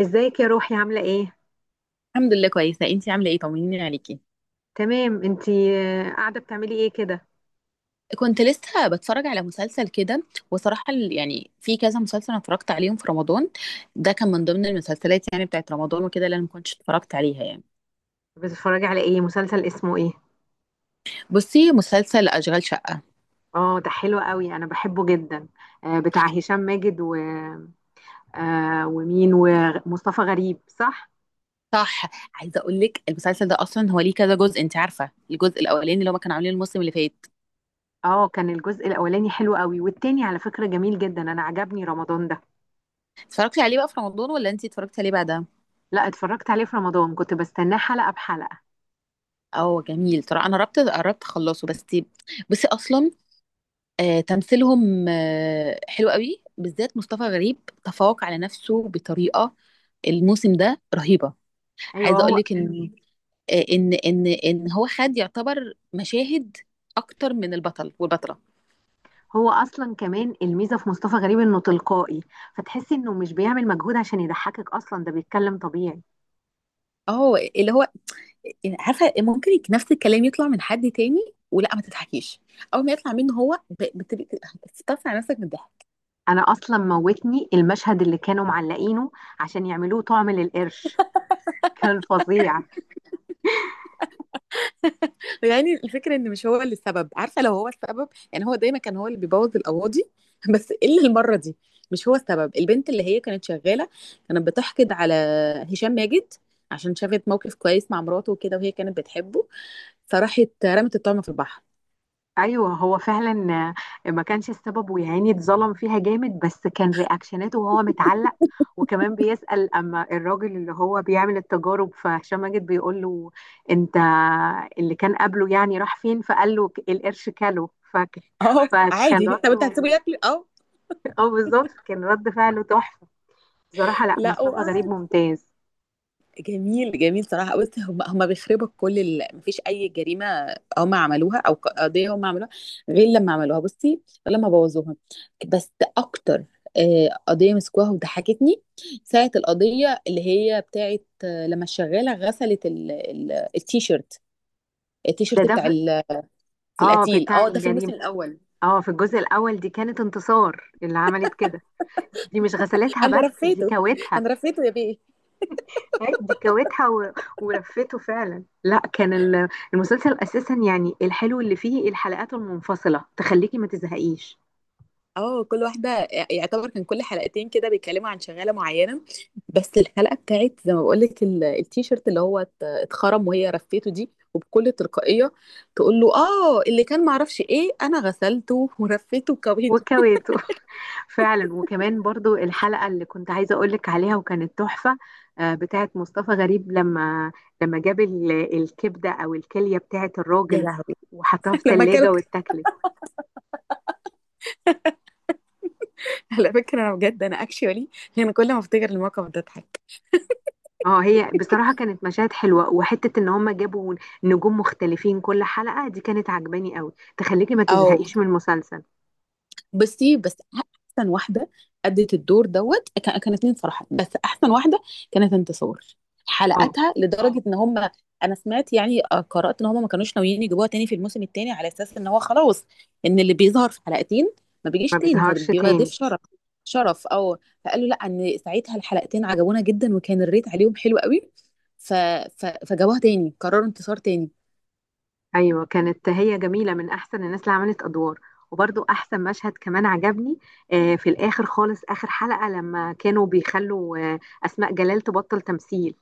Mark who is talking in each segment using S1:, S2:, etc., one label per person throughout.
S1: ازيك يا روحي عاملة ايه؟
S2: الحمد لله كويسة، انتي عاملة ايه؟ طمنيني عليكي.
S1: تمام انتي. قاعدة بتعملي ايه كده؟
S2: كنت لسه بتفرج على مسلسل كده. وصراحة يعني في كذا مسلسل انا اتفرجت عليهم في رمضان. ده كان من ضمن المسلسلات يعني بتاعت رمضان وكده اللي انا ما كنتش اتفرجت عليها يعني.
S1: بتتفرجي على ايه؟ مسلسل اسمه ايه؟
S2: بصي، مسلسل اشغال شقة.
S1: اه، ده حلو قوي انا بحبه جدا. بتاع هشام ماجد و... آه، ومين ومصطفى غريب صح؟
S2: صح. عايزة اقول لك المسلسل ده اصلا هو ليه كذا جزء، انت عارفة الجزء الاولاني اللي هما كانوا عاملينه الموسم اللي فات.
S1: اه، كان الجزء الاولاني حلو قوي، والتاني على فكرة جميل جدا، انا عجبني رمضان ده.
S2: اتفرجتي عليه بقى في رمضان ولا انتي اتفرجتي عليه بعدها؟
S1: لا، اتفرجت عليه في رمضان، كنت بستناه حلقة بحلقة.
S2: اه جميل، ترى انا قربت قربت اخلصه بس. بصي اصلا. تمثيلهم حلو قوي بالذات مصطفى غريب. تفوق على نفسه بطريقة. الموسم ده رهيبة.
S1: ايوه
S2: عايزة اقول
S1: هو.
S2: لك ان ان هو خد يعتبر مشاهد اكتر من البطل والبطلة.
S1: هو اصلا كمان الميزة في مصطفى غريب انه تلقائي، فتحسي انه مش بيعمل مجهود عشان يضحكك، اصلا ده بيتكلم طبيعي.
S2: اهو اللي هو. عارفة، ممكن نفس الكلام يطلع من حد تاني ولا ما تضحكيش. اول ما يطلع منه هو بتبقي بتستفسر على نفسك من الضحك.
S1: انا اصلا موتني المشهد اللي كانوا معلقينه عشان يعملوه طعم للقرش، كان فظيع.
S2: يعني الفكرة ان مش هو اللي السبب، عارفة لو هو السبب يعني، هو دايما كان هو اللي بيبوظ القواضي. بس الا المرة دي. مش هو السبب، البنت اللي هي كانت شغالة كانت بتحقد على هشام ماجد عشان شافت موقف كويس مع مراته وكده، وهي كانت بتحبه. فراحت رمت الطعمة في البحر.
S1: ايوه هو فعلا. ما كانش السبب ويا عيني اتظلم فيها جامد، بس كان رياكشناته وهو متعلق، وكمان بيسأل. اما الراجل اللي هو بيعمل التجارب فهشام ماجد بيقول له: انت اللي كان قبله يعني راح فين؟ فقال له: القرش كله فك..."
S2: اه،
S1: فكان
S2: عادي،
S1: رد.
S2: طب انت هتسيبه ياكل، اه.
S1: اه بالظبط، كان رد فعله تحفة. بصراحة لا،
S2: لا.
S1: مصطفى غريب ممتاز.
S2: جميل، جميل صراحة. بُص، هم بيخربوا كل ال، ما فيش أي جريمة هم عملوها، أو قضية هم عملوها غير لمّا عملوها، بُصّي، غير لمّا بوّظوها. بس أكتر قضية مسكوها وضحكتني، ساعة القضية اللي هي بتاعة لمّا الشغالة غسلت ال التيشيرت،
S1: ده
S2: التيشيرت
S1: ده
S2: بتاع
S1: في-
S2: ال في
S1: اه،
S2: القتيل.
S1: بتاع
S2: آه، ده في
S1: الجريمة.
S2: الموسم الأول.
S1: اه في الجزء الاول، دي كانت انتصار اللي عملت كده. دي مش غسلتها،
S2: أنا
S1: بس دي
S2: رفيته،
S1: كوتها.
S2: أنا رفيته يا بيه.
S1: أي، دي كوتها و... ورفته فعلا. لا، كان المسلسل اساسا يعني الحلو اللي فيه الحلقات المنفصله تخليكي ما تزهقيش.
S2: اه، كل واحدة يعتبر كان كل حلقتين كده بيتكلموا عن شغالة معينة. بس الحلقة بتاعت زي ما بقولك التيشيرت اللي هو اتخرم وهي رفيته دي وبكل تلقائية تقول له اه اللي كان معرفش ايه، انا غسلته ورفيته وكويته.
S1: وكويته. فعلا. وكمان برضو الحلقة اللي كنت عايزة أقولك عليها وكانت تحفة، بتاعت مصطفى غريب، لما جاب الكبدة أو الكلية بتاعت
S2: يا
S1: الراجل،
S2: لهوي.
S1: وحطها في
S2: لما كان
S1: تلاجة واتاكلت.
S2: على فكرة انا بجد انا اكشولي، يعني كل ما افتكر الموقف ده اضحك.
S1: اه، هي بصراحة كانت مشاهد حلوة، وحتة ان هم جابوا نجوم مختلفين كل حلقة، دي كانت عجباني قوي، تخليكي ما
S2: اه،
S1: تزهقيش من المسلسل.
S2: بصي، بس احسن واحده ادت الدور كانت مين صراحه، بس احسن واحده كانت انتصار.
S1: اه،
S2: حلقتها لدرجه اه ان هم، انا سمعت يعني، قرات ان هم ما كانوش ناويين يجيبوها تاني في الموسم التاني على اساس ان هو خلاص، ان اللي بيظهر في حلقتين ما بيجيش
S1: ما
S2: تاني
S1: بيظهرش
S2: كان بيبقى ضيف
S1: تاني.
S2: شرف. شرف او فقالوا لا ان ساعتها الحلقتين عجبونا جدا، وكان الريت عليهم حلو قوي، ف... فجابوها تاني، قرروا انتصار تاني.
S1: ايوه كانت هي جميلة، من احسن الناس اللي عملت ادوار. وبرضو احسن مشهد كمان عجبني، في الاخر خالص، اخر حلقة لما كانوا بيخلوا اسماء جلال تبطل تمثيل.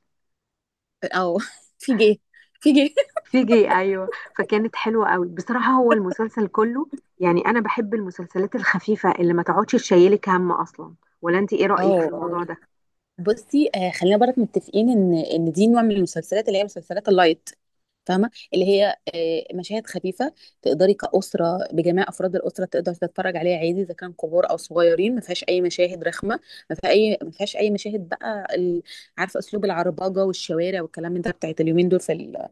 S2: او في جه، في جه.
S1: فيجي، ايوه. فكانت حلوه قوي بصراحه، هو المسلسل كله يعني انا بحب المسلسلات الخفيفه اللي ما تقعدش تشيلك هم اصلا. ولا انت ايه رايك في
S2: اه،
S1: الموضوع ده؟
S2: بصي، خلينا برك متفقين ان دي نوع من المسلسلات اللي هي مسلسلات اللايت، فاهمه اللي هي مشاهد خفيفه. تقدري كاسره بجميع افراد الاسره، تقدر تتفرج عليها عادي اذا كان كبار او صغيرين، ما فيهاش اي مشاهد رخمه. ما فيهاش اي مشاهد بقى عارفه، اسلوب العربجه والشوارع والكلام من ده بتاعت اليومين دول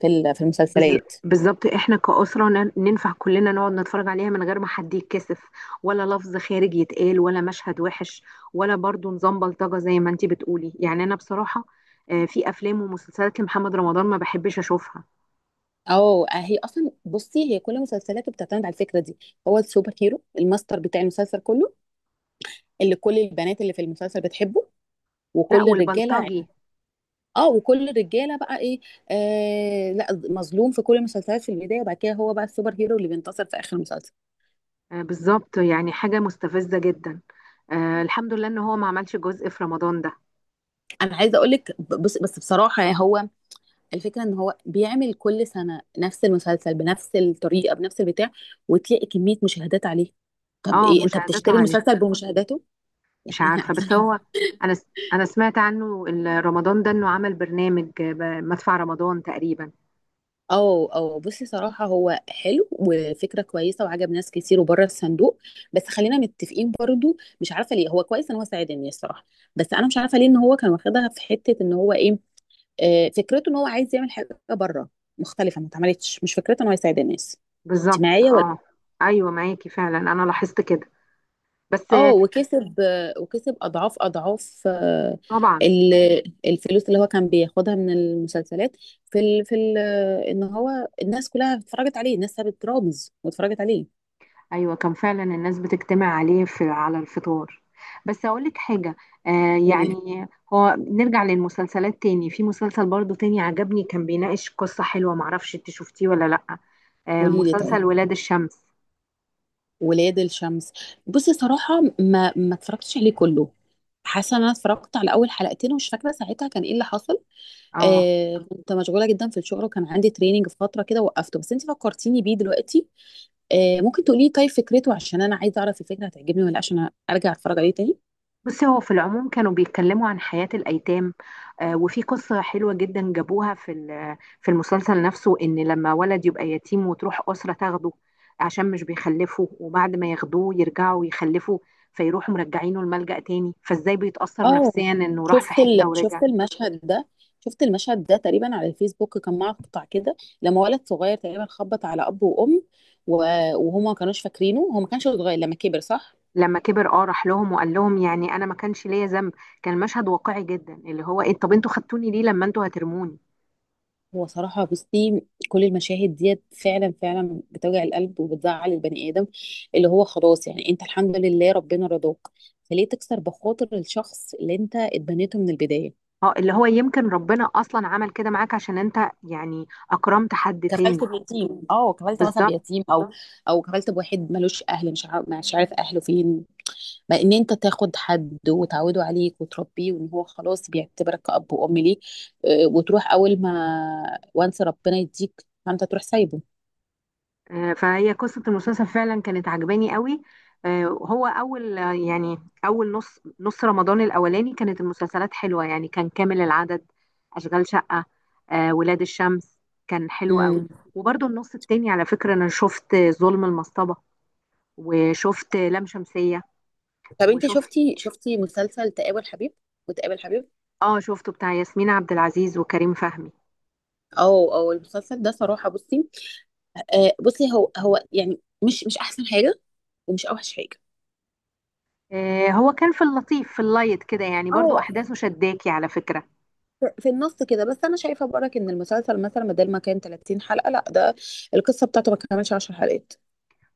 S2: في المسلسلات.
S1: بالظبط، احنا كأسرة ننفع كلنا نقعد نتفرج عليها من غير ما حد يتكسف، ولا لفظ خارج يتقال، ولا مشهد وحش، ولا برضو نظام بلطجة زي ما انت بتقولي. يعني انا بصراحة، في افلام ومسلسلات لمحمد رمضان ما بحبش اشوفها.
S2: او، هي اصلا بصي، هي كل مسلسلاته بتعتمد على الفكره دي. هو السوبر هيرو الماستر بتاع المسلسل كله، اللي كل البنات اللي في المسلسل بتحبه،
S1: لا،
S2: وكل الرجاله
S1: والبلطجي.
S2: اه وكل الرجاله بقى ايه، لا، مظلوم في كل المسلسلات في البدايه، وبعد كده هو بقى السوبر هيرو اللي بينتصر في اخر المسلسل.
S1: بالظبط، يعني حاجة مستفزة جدا. آه، الحمد لله ان هو ما عملش جزء في رمضان ده.
S2: انا عايزه اقول لك، بس بصراحه يعني هو، الفكره ان هو بيعمل كل سنه نفس المسلسل بنفس الطريقه بنفس البتاع، وتلاقي كميه مشاهدات عليه. طب
S1: اه،
S2: ايه، انت
S1: مشاهداته
S2: بتشتري
S1: عليه.
S2: المسلسل بمشاهداته؟
S1: مش عارفة،
S2: يعني.
S1: بس هو انا س- انا سمعت عنه رمضان ده انه عمل برنامج، مدفع رمضان تقريبا.
S2: اه، اه، بصي صراحة هو حلو وفكرة كويسة وعجب ناس كتير وبره الصندوق. بس خلينا متفقين برضو، مش عارفة ليه، هو كويس ان هو ساعد الناس صراحة. بس انا مش عارفة ليه ان هو كان واخدها في حتة ان هو ايه، فكرته ان هو عايز يعمل حاجة بره مختلفة ما اتعملتش، مش فكرته ان هو يساعد الناس. انت
S1: بالظبط
S2: معايا ولا؟
S1: اه. ايوه معاكي فعلا، انا لاحظت كده. بس
S2: اه وكسب، وكسب اضعاف اضعاف،
S1: طبعا.
S2: ال- الفلوس اللي هو كان بياخدها من المسلسلات في ال... في ال... ان هو الناس كلها اتفرجت عليه، الناس سابت رامز واتفرجت عليه.
S1: ايوه كان فعلا الناس بتجتمع عليه في على الفطار. بس اقول لك حاجه،
S2: قولي لي.
S1: يعني هو نرجع للمسلسلات تاني، في مسلسل برضو تاني عجبني، كان بيناقش قصه حلوه، معرفش انت شفتيه ولا لا. آه،
S2: قولي لي طيب.
S1: مسلسل ولاد الشمس.
S2: ولاد الشمس. بصي صراحة ما اتفرجتش عليه كله. حاسة ان انا اتفرجت على اول حلقتين ومش فاكرة ساعتها كان ايه اللي حصل.
S1: اه،
S2: كنت مشغولة جدا في الشغل وكان عندي تريننج في فترة كده وقفته، بس انت فكرتيني بيه دلوقتي. ممكن تقولي لي طيب فكرته، عشان انا عايزة اعرف الفكرة هتعجبني ولا لأ، عشان ارجع اتفرج عليه تاني.
S1: بصي هو في العموم كانوا بيتكلموا عن حياة الأيتام. وفي قصة حلوة جدا جابوها في في المسلسل نفسه، إن لما ولد يبقى يتيم وتروح أسرة تاخده عشان مش بيخلفه، وبعد ما ياخدوه يرجعوا يخلفوا، فيروحوا مرجعينه الملجأ تاني، فإزاي بيتأثر
S2: اه،
S1: نفسيا إنه راح في
S2: شفت ال...
S1: حتة ورجع.
S2: شفت المشهد ده شفت المشهد ده تقريبا على الفيسبوك، كان مقطع كده، لما ولد صغير تقريبا خبط على اب وام و... وهما ما كانوش فاكرينه، هو ما كانش صغير لما كبر صح؟
S1: لما كبر، اه، راح لهم وقال لهم يعني أنا ما كانش ليا ذنب. كان مشهد واقعي جدا، اللي هو إيه، طب أنتوا خدتوني ليه لما أنتوا هترموني؟
S2: هو صراحة بصي، كل المشاهد ديت فعلا فعلا بتوجع القلب وبتزعل البني آدم، اللي هو خلاص يعني، انت الحمد لله ربنا رضاك، فليه تكسر بخاطر الشخص اللي انت اتبنيته من البداية؟
S1: اه، اللي هو يمكن ربنا أصلا عمل كده معاك عشان أنت يعني أكرمت حد
S2: كفلت
S1: تاني.
S2: بيتيم، اه، كفلت مثلا
S1: بالظبط.
S2: بيتيم او او كفلت بواحد ملوش اهل، مش عارف اهله فين. ما ان انت تاخد حد وتعوده عليك وتربيه وان هو خلاص بيعتبرك كأب وأم ليه، وتروح اول ما وانس ربنا يديك فانت تروح سايبه.
S1: فهي قصة المسلسل فعلا كانت عجباني قوي. آه، هو أول آه، يعني أول نص نص رمضان الأولاني كانت المسلسلات حلوة يعني كان كامل العدد: أشغال شقة، ولاد الشمس، كان حلو قوي.
S2: امم
S1: وبرضه النص التاني على فكرة أنا شفت ظلم المصطبة، وشفت لام شمسية،
S2: طب انت
S1: وشفت.
S2: شفتي مسلسل تقابل حبيب وتقابل حبيب؟
S1: اه، شفته بتاع ياسمين عبد العزيز وكريم فهمي.
S2: او المسلسل ده صراحة بصي، بصي هو يعني مش احسن حاجة ومش اوحش حاجة.
S1: هو كان في اللطيف في اللايت كده، يعني برضه
S2: اه،
S1: أحداثه شداكي على فكرة.
S2: في النص كده، بس انا شايفه برك ان المسلسل مثلا بدل ما كان 30 حلقه، لا ده القصه بتاعته ما كملش 10 حلقات.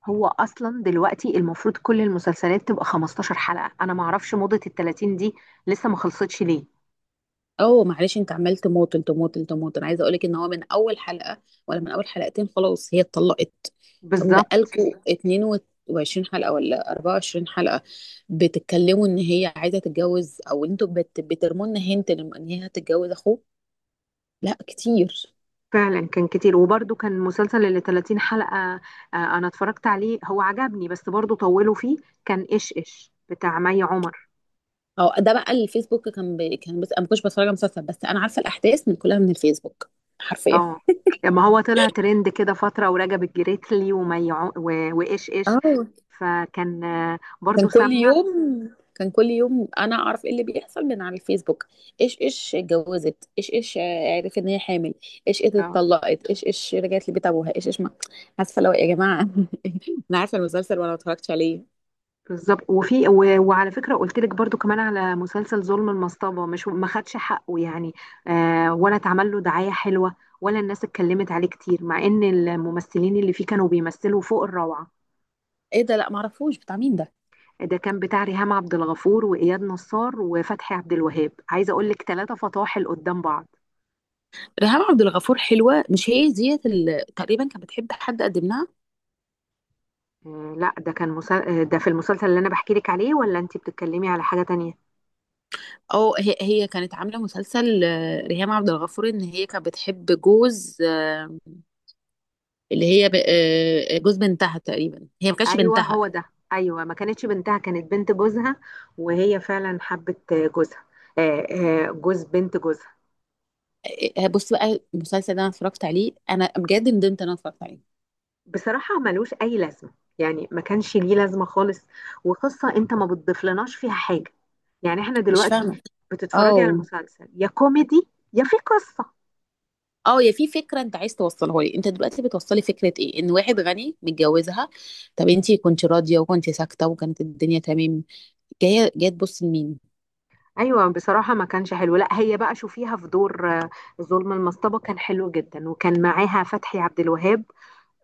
S1: هو اصلا دلوقتي المفروض كل المسلسلات تبقى 15 حلقة، انا ما اعرفش موضة ال 30 دي، لسه ما خلصتش ليه.
S2: اه، معلش، انت عمال تماطل تماطل تماطل. انا عايزه اقولك ان هو من اول حلقه ولا من اول حلقتين خلاص هي اتطلقت. طب
S1: بالظبط.
S2: وبقالكوا 22 حلقه ولا 24 حلقه، بتتكلموا ان هي عايزه تتجوز، او انتوا بترموا لنا هنت ان هي هتتجوز اخوه. لا، كتير.
S1: فعلا كان كتير، وبرده كان مسلسل اللي 30 حلقة، انا اتفرجت عليه، هو عجبني بس برده طولوا فيه. كان ايش ايش بتاع مي عمر.
S2: او ده بقى الفيسبوك، كان، بس انا ما كنتش بتفرج على مسلسل، بس انا عارفه الاحداث من كلها من الفيسبوك، حرفيا.
S1: اه، ما هو طلع ترند كده فترة، ورجب الجريتلي ومي عم... و... وايش ايش.
S2: اه،
S1: فكان
S2: كان
S1: برده
S2: كل
S1: سمع
S2: يوم، كان كل يوم انا اعرف ايه اللي بيحصل من على الفيسبوك. ايش ايش اتجوزت، ايش ايش عرفت ان هي حامل، ايش ايش
S1: آه.
S2: اتطلقت، ايش ايش رجعت لبيت ابوها، ايش ايش ما عارفه، لو يا جماعه. انا عارفه المسلسل وانا ما اتفرجتش عليه.
S1: بالظبط. وفي وعلى فكره قلت لك برضو كمان على مسلسل ظلم المصطبه، مش ما خدش حقه يعني، آه، ولا اتعمل له دعايه حلوه، ولا الناس اتكلمت عليه كتير، مع ان الممثلين اللي فيه كانوا بيمثلوا فوق الروعه.
S2: ايه ده؟ لا ما اعرفوش بتاع مين ده.
S1: ده كان بتاع ريهام عبد الغفور واياد نصار وفتحي عبد الوهاب، عايزه اقول لك ثلاثه فطاحل قدام بعض.
S2: ريهام عبد الغفور حلوه، مش هي ديت تقريبا كانت بتحب حد قدم لها؟
S1: لا، ده كان مسل... آه، ده في المسلسل اللي انا بحكي لك عليه، ولا انت بتتكلمي على حاجه تانية؟
S2: او هي كانت عامله مسلسل، ريهام عبد الغفور ان هي كانت بتحب جوز، اللي هي جوز بنتها تقريبا، هي ما كانتش
S1: ايوه
S2: بنتها.
S1: هو ده. ايوه، ما كانتش بنتها، كانت بنت جوزها، وهي فعلا حبت جوزها. آه، جوز بنت جوزها.
S2: إيه، بص بقى، المسلسل ده انا اتفرجت عليه، انا بجد ندمت ان انا اتفرجت عليه.
S1: بصراحه ملوش اي لازمه، يعني ما كانش ليه لازمه خالص. وقصه انت ما بتضيفلناش فيها حاجه. يعني احنا
S2: مش
S1: دلوقتي
S2: فاهمه.
S1: بتتفرجي على
S2: اه،
S1: المسلسل يا كوميدي يا في قصه.
S2: اه، يا في فكره انت عايز توصلها لي، انت دلوقتي بتوصلي فكره ايه؟ ان واحد غني متجوزها؟ طب انت كنت راضيه وكنت ساكته وكانت الدنيا تمام، جايه جايه تبص لمين؟
S1: ايوه بصراحه ما كانش حلو. لا، هي بقى شوفيها في دور ظلم المصطبه، كان حلو جدا، وكان معاها فتحي عبد الوهاب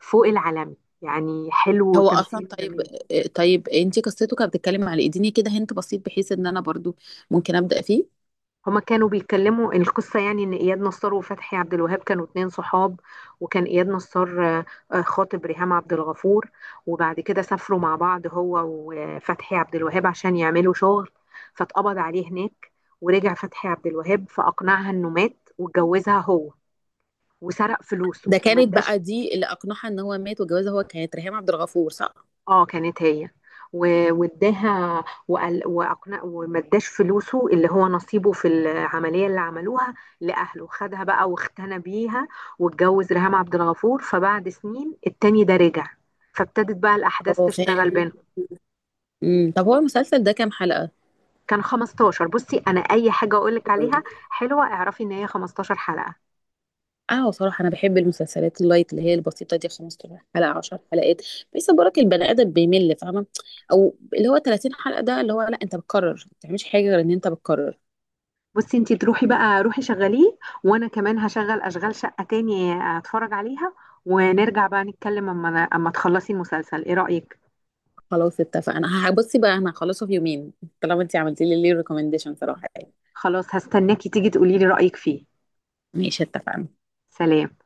S1: فوق العالمي، يعني حلو
S2: هو اصلا
S1: وتمثيله
S2: طيب.
S1: جميل.
S2: طيب، انت قصته كانت بتتكلم على ايه؟ اديني كده هنت بسيط بحيث ان انا برضو ممكن ابدا فيه.
S1: هما كانوا بيتكلموا القصة يعني إن إياد نصار وفتحي عبد الوهاب كانوا اتنين صحاب، وكان إياد نصار خاطب ريهام عبد الغفور، وبعد كده سافروا مع بعض هو وفتحي عبد الوهاب عشان يعملوا شغل، فاتقبض عليه هناك. ورجع فتحي عبد الوهاب، فأقنعها إنه مات واتجوزها هو، وسرق فلوسه
S2: ده
S1: وما
S2: كانت بقى
S1: اداش.
S2: دي اللي اقنعها ان هو مات وجوازها هو كانت ريهام عبد الغفور صح؟
S1: اه كانت هي. واداها، وقال واقنع وما اداش فلوسه اللي هو نصيبه في العمليه اللي عملوها لاهله، خدها بقى واختنى بيها، واتجوز ريهام عبد الغفور. فبعد سنين التاني ده رجع، فابتدت بقى الاحداث
S2: اه،
S1: تشتغل
S2: فاهم.
S1: بينهم.
S2: طب هو المسلسل ده كام حلقه؟
S1: كان 15. بصي، انا اي حاجه اقول لك عليها حلوه اعرفي ان هي 15 حلقه.
S2: اه، صراحة أنا بحب المسلسلات اللايت اللي هي البسيطة، دي 15 حلقة، 10 حلقات، بحيث برك البني آدم بيمل، فاهمة. أو اللي هو 30 حلقة، ده اللي هو لا، أنت بتكرر، ما بتعملش حاجة غير إن أنت بتكرر.
S1: بصي، انتي تروحي بقى روحي شغليه، وانا كمان هشغل اشغال شقه تاني اتفرج عليها، ونرجع بقى نتكلم اما تخلصي المسلسل. ايه رايك؟
S2: خلاص، اتفقنا، هبصي بقى، أنا هخلصه في يومين. طالما أنت عملتي لي ليه ريكومنديشن صراحة يعني.
S1: خلاص، هستناكي تيجي تقولي لي رأيك فيه.
S2: ماشي، اتفقنا.
S1: سلام.